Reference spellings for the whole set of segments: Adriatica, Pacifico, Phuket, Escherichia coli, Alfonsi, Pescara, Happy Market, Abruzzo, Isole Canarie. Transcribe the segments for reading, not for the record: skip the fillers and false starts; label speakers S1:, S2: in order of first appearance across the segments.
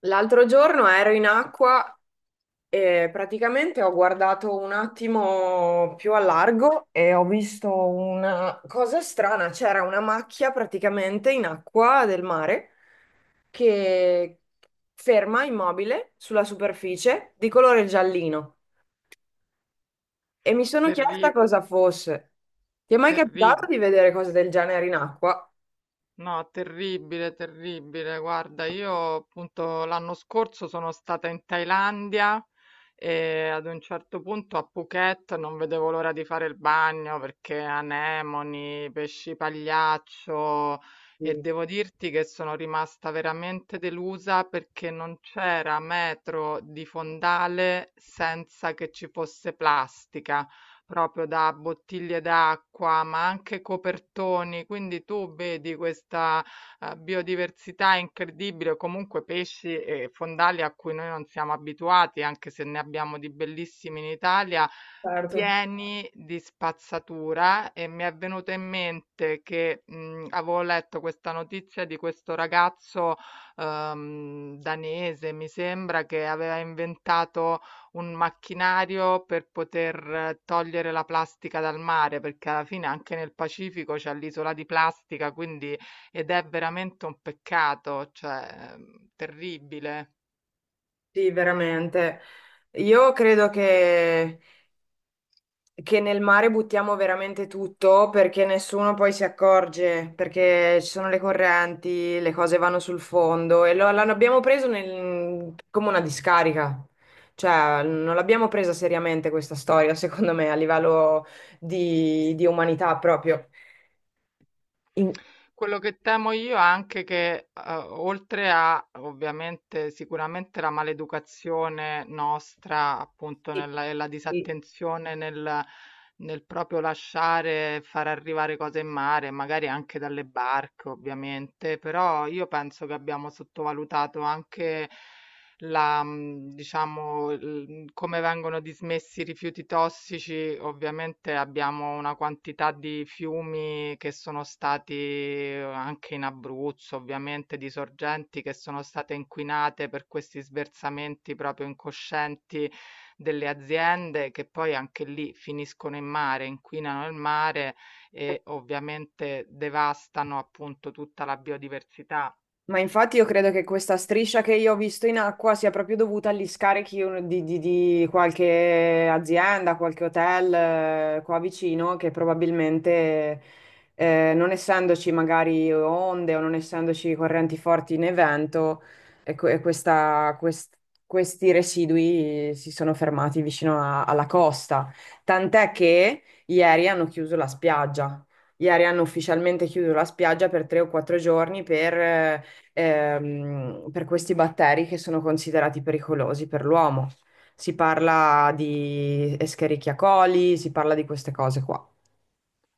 S1: L'altro giorno ero in acqua e praticamente ho guardato un attimo più a largo e ho visto una cosa strana, c'era una macchia praticamente in acqua del mare che ferma immobile sulla superficie di colore giallino e mi sono chiesta
S2: Terri-
S1: cosa fosse. Ti è mai capitato di
S2: terribile,
S1: vedere cose del genere in acqua?
S2: no, terribile, terribile. Guarda, io appunto l'anno scorso sono stata in Thailandia e ad un certo punto a Phuket non vedevo l'ora di fare il bagno perché anemoni, pesci pagliaccio e
S1: Sì.
S2: devo dirti che sono rimasta veramente delusa perché non c'era metro di fondale senza che ci fosse plastica, proprio da bottiglie d'acqua, ma anche copertoni. Quindi tu vedi questa, biodiversità incredibile, o comunque pesci e fondali a cui noi non siamo abituati, anche se ne abbiamo di bellissimi in Italia,
S1: Certo,
S2: pieni di spazzatura, e mi è venuto in mente che, avevo letto questa notizia di questo ragazzo, danese, mi sembra, che aveva inventato un macchinario per poter togliere la plastica dal mare, perché alla fine anche nel Pacifico c'è l'isola di plastica, quindi ed è veramente un peccato, cioè, terribile.
S1: sì, veramente. Io credo che nel mare buttiamo veramente tutto perché nessuno poi si accorge, perché ci sono le correnti, le cose vanno sul fondo e l'abbiamo preso come una discarica. Cioè, non l'abbiamo presa seriamente questa storia, secondo me, a livello di umanità proprio. In-
S2: Quello che temo io è anche che, oltre a ovviamente sicuramente la maleducazione nostra, appunto,
S1: Sì,
S2: nella, e la
S1: sì.
S2: disattenzione nel proprio lasciare far arrivare cose in mare, magari anche dalle barche, ovviamente, però io penso che abbiamo sottovalutato anche la, diciamo, il come vengono dismessi i rifiuti tossici. Ovviamente abbiamo una quantità di fiumi che sono stati anche in Abruzzo, ovviamente, di sorgenti che sono state inquinate per questi sversamenti proprio incoscienti delle aziende, che poi anche lì finiscono in mare, inquinano il mare e ovviamente devastano appunto tutta la biodiversità.
S1: Ma infatti io credo che questa striscia che io ho visto in acqua sia proprio dovuta agli scarichi di qualche azienda, qualche hotel qua vicino che probabilmente non essendoci magari onde o non essendoci correnti forti né vento, e que- e questa- quest- questi residui si sono fermati alla costa. Tant'è che ieri hanno chiuso la spiaggia. Ieri hanno ufficialmente chiuso la spiaggia per tre o quattro giorni per questi batteri che sono considerati pericolosi per l'uomo. Si parla di Escherichia coli, si parla di queste cose qua.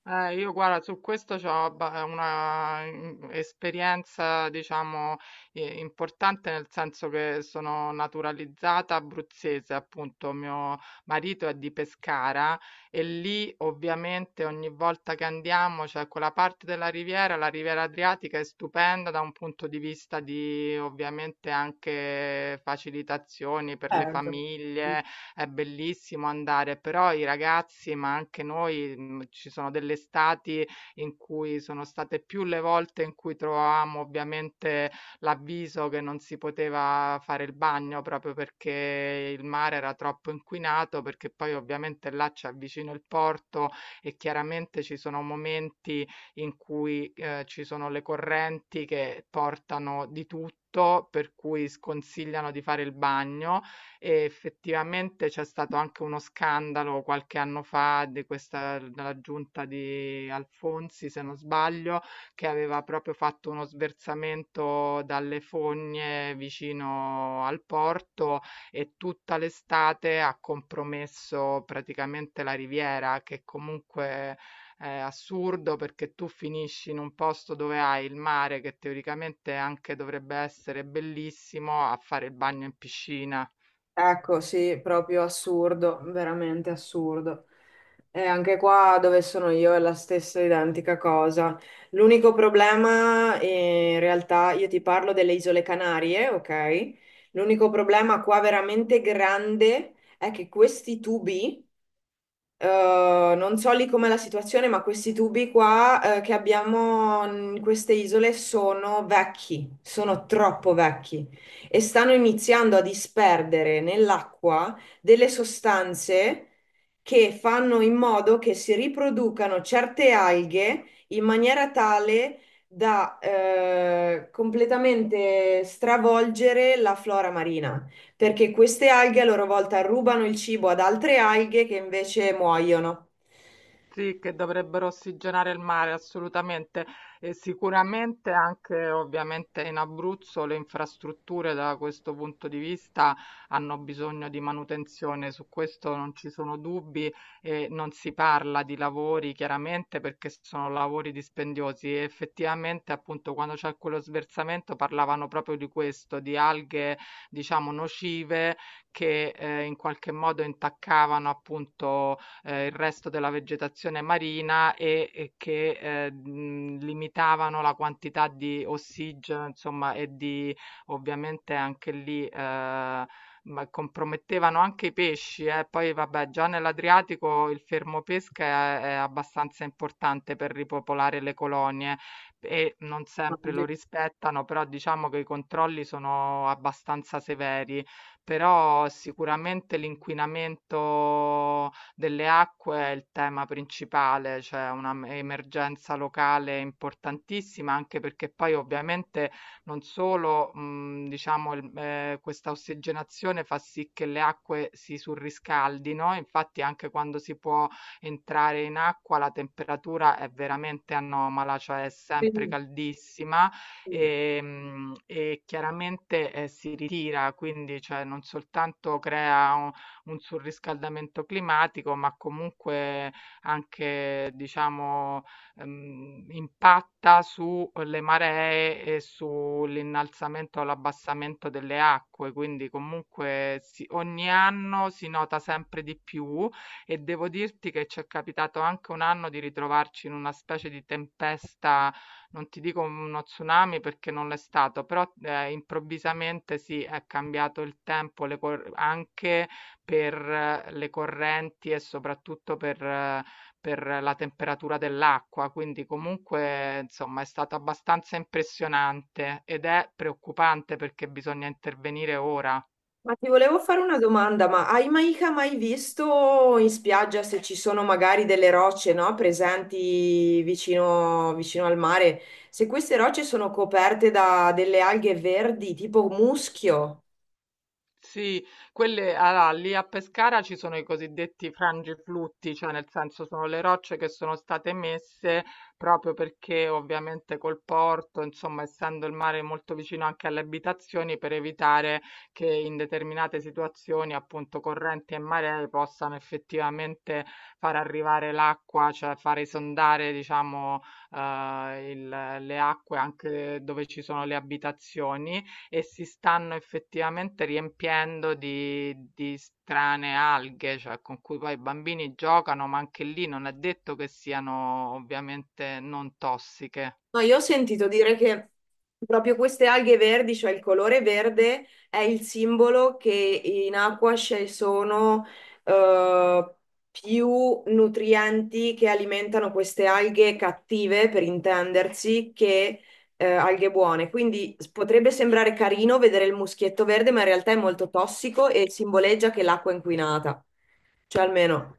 S2: Io guarda, su questo ho una esperienza, diciamo, importante, nel senso che sono naturalizzata abruzzese, appunto, mio marito è di Pescara e lì ovviamente ogni volta che andiamo, cioè quella parte della riviera, la riviera Adriatica è stupenda da un punto di vista di ovviamente anche facilitazioni per le
S1: Certo.
S2: famiglie, è bellissimo andare, però i ragazzi, ma anche noi, ci sono delle estati in cui sono state più le volte in cui trovavamo ovviamente l'avviso che non si poteva fare il bagno, proprio perché il mare era troppo inquinato, perché poi ovviamente là c'è vicino il porto e chiaramente ci sono momenti in cui, ci sono le correnti che portano di tutto, per cui sconsigliano di fare il bagno. E effettivamente c'è stato anche uno scandalo qualche anno fa di questa della giunta di Alfonsi, se non sbaglio, che aveva proprio fatto uno sversamento dalle fogne vicino al porto e tutta l'estate ha compromesso praticamente la riviera, che comunque è assurdo, perché tu finisci in un posto dove hai il mare, che teoricamente anche dovrebbe essere bellissimo, a fare il bagno in piscina.
S1: Ecco, sì, proprio assurdo, veramente assurdo. E anche qua dove sono io è la stessa identica cosa. L'unico problema, in realtà, io ti parlo delle Isole Canarie, ok? L'unico problema qua veramente grande è che questi tubi. Non so lì com'è la situazione, ma questi tubi qua, che abbiamo in queste isole sono vecchi, sono troppo vecchi e stanno iniziando a disperdere nell'acqua delle sostanze che fanno in modo che si riproducano certe alghe in maniera tale da, completamente stravolgere la flora marina perché queste alghe a loro volta rubano il cibo ad altre alghe che invece muoiono.
S2: Sì, che dovrebbero ossigenare il mare, assolutamente. E sicuramente anche ovviamente in Abruzzo le infrastrutture da questo punto di vista hanno bisogno di manutenzione, su questo non ci sono dubbi, e non si parla di lavori chiaramente perché sono lavori dispendiosi. E effettivamente appunto quando c'è quello sversamento parlavano proprio di questo, di alghe diciamo nocive che in qualche modo intaccavano appunto il resto della vegetazione marina e che, limitavano la quantità di ossigeno, insomma, e di ovviamente anche lì, ma compromettevano anche i pesci, eh. Poi vabbè, già nell'Adriatico il fermo pesca è abbastanza importante per ripopolare le colonie e non sempre lo
S1: Mangi.
S2: rispettano, però diciamo che i controlli sono abbastanza severi. Però sicuramente l'inquinamento delle acque è il tema principale, c'è una emergenza locale importantissima, anche perché poi ovviamente non solo, diciamo, questa ossigenazione fa sì che le acque si surriscaldino, infatti anche quando si può entrare in acqua la temperatura è veramente anomala, cioè è sempre
S1: Sì,
S2: caldissima
S1: sì.
S2: e chiaramente si ritira, quindi cioè, non soltanto crea un surriscaldamento climatico, ma comunque anche, diciamo, impatta sulle maree e sull'innalzamento o l'abbassamento delle acque. Quindi comunque ogni anno si nota sempre di più, e devo dirti che ci è capitato anche un anno di ritrovarci in una specie di tempesta, non ti dico uno tsunami perché non l'è stato, però improvvisamente sì, è cambiato il tempo, anche per le correnti e soprattutto per la temperatura dell'acqua, quindi comunque insomma è stato abbastanza impressionante ed è preoccupante perché bisogna intervenire ora.
S1: Ma ti volevo fare una domanda, ma hai mai visto in spiaggia se ci sono magari delle rocce, no, presenti vicino al mare? Se queste rocce sono coperte da delle alghe verdi, tipo muschio?
S2: Sì, quelle allora, lì a Pescara ci sono i cosiddetti frangiflutti, cioè nel senso sono le rocce che sono state messe proprio perché ovviamente col porto, insomma, essendo il mare molto vicino anche alle abitazioni, per evitare che in determinate situazioni, appunto correnti e maree, possano effettivamente far arrivare l'acqua, cioè far esondare, diciamo, le acque anche dove ci sono le abitazioni, e si stanno effettivamente riempiendo di, strane alghe, cioè con cui poi i bambini giocano, ma anche lì non è detto che siano ovviamente non tossiche.
S1: No, io ho sentito dire che proprio queste alghe verdi, cioè il colore verde, è il simbolo che in acqua ci sono eh, più nutrienti che alimentano queste alghe cattive, per intendersi, che alghe buone. Quindi potrebbe sembrare carino vedere il muschietto verde, ma in realtà è molto tossico e simboleggia che l'acqua è inquinata. Cioè almeno,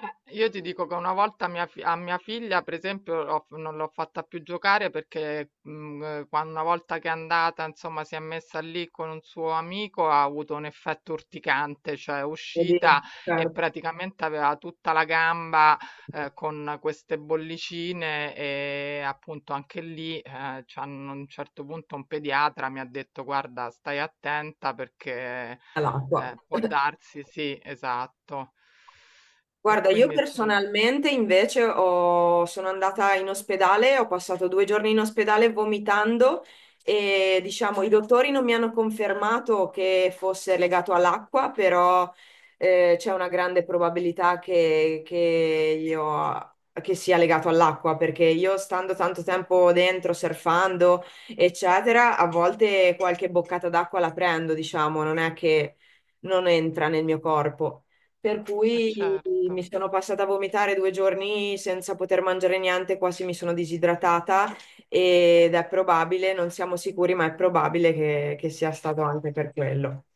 S2: Io ti dico che una volta a mia figlia, per esempio, non l'ho fatta più giocare perché quando, una volta che è andata, insomma, si è messa lì con un suo amico, ha avuto un effetto urticante, cioè è
S1: vedi,
S2: uscita e
S1: certo,
S2: praticamente aveva tutta la gamba con queste bollicine, e appunto anche lì, a un certo punto un pediatra mi ha detto, guarda, stai attenta perché...
S1: all'acqua.
S2: Può darsi, sì, esatto. E
S1: Guarda, io
S2: quindi insomma
S1: personalmente sono andata in ospedale, ho passato due giorni in ospedale vomitando e diciamo i dottori non mi hanno confermato che fosse legato all'acqua, però c'è una grande probabilità che sia legato all'acqua, perché io stando tanto tempo dentro, surfando, eccetera, a volte qualche boccata d'acqua la prendo, diciamo, non è che non entra nel mio corpo. Per
S2: eh
S1: cui mi
S2: certo.
S1: sono passata a vomitare due giorni senza poter mangiare niente, quasi mi sono disidratata ed è probabile, non siamo sicuri, ma è probabile che sia stato anche per quello.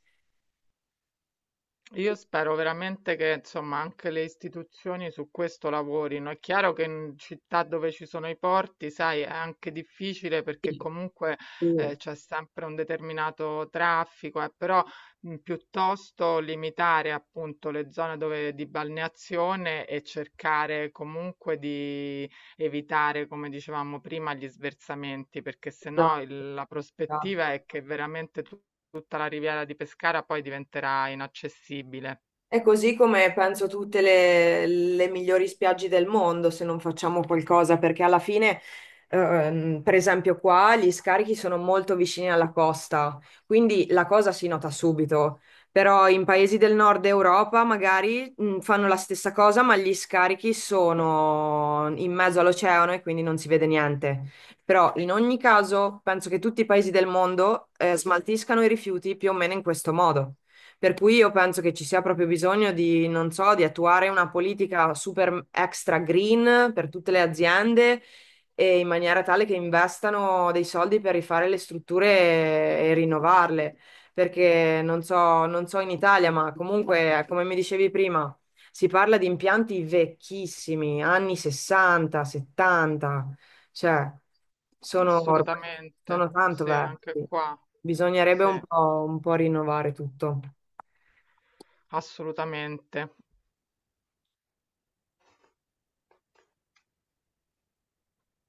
S2: Io spero veramente che insomma anche le istituzioni su questo lavorino. È chiaro che in città dove ci sono i porti, sai, è anche difficile perché
S1: Sì.
S2: comunque
S1: Sì,
S2: c'è sempre un determinato traffico, però piuttosto limitare appunto le zone dove, di balneazione, e cercare comunque di evitare, come dicevamo prima, gli sversamenti, perché
S1: esatto,
S2: sennò la prospettiva
S1: esatto.
S2: è che veramente tu tutta la riviera di Pescara poi diventerà inaccessibile.
S1: È così come penso tutte le migliori spiagge del mondo se non facciamo qualcosa, perché alla fine, per esempio qua, gli scarichi sono molto vicini alla costa, quindi la cosa si nota subito. Però in paesi del nord Europa magari fanno la stessa cosa, ma gli scarichi sono in mezzo all'oceano e quindi non si vede niente. Però in ogni caso penso che tutti i paesi del mondo, smaltiscano i rifiuti più o meno in questo modo. Per cui io penso che ci sia proprio bisogno di, non so, di attuare una politica super extra green per tutte le aziende e in maniera tale che investano dei soldi per rifare le strutture e rinnovarle. Perché non so, non so in Italia, ma comunque, come mi dicevi prima, si parla di impianti vecchissimi, anni 60, 70, cioè sono ormai
S2: Assolutamente.
S1: sono tanto
S2: Sì, anche
S1: vecchi.
S2: qua.
S1: Bisognerebbe
S2: Sì,
S1: un po' rinnovare tutto.
S2: assolutamente.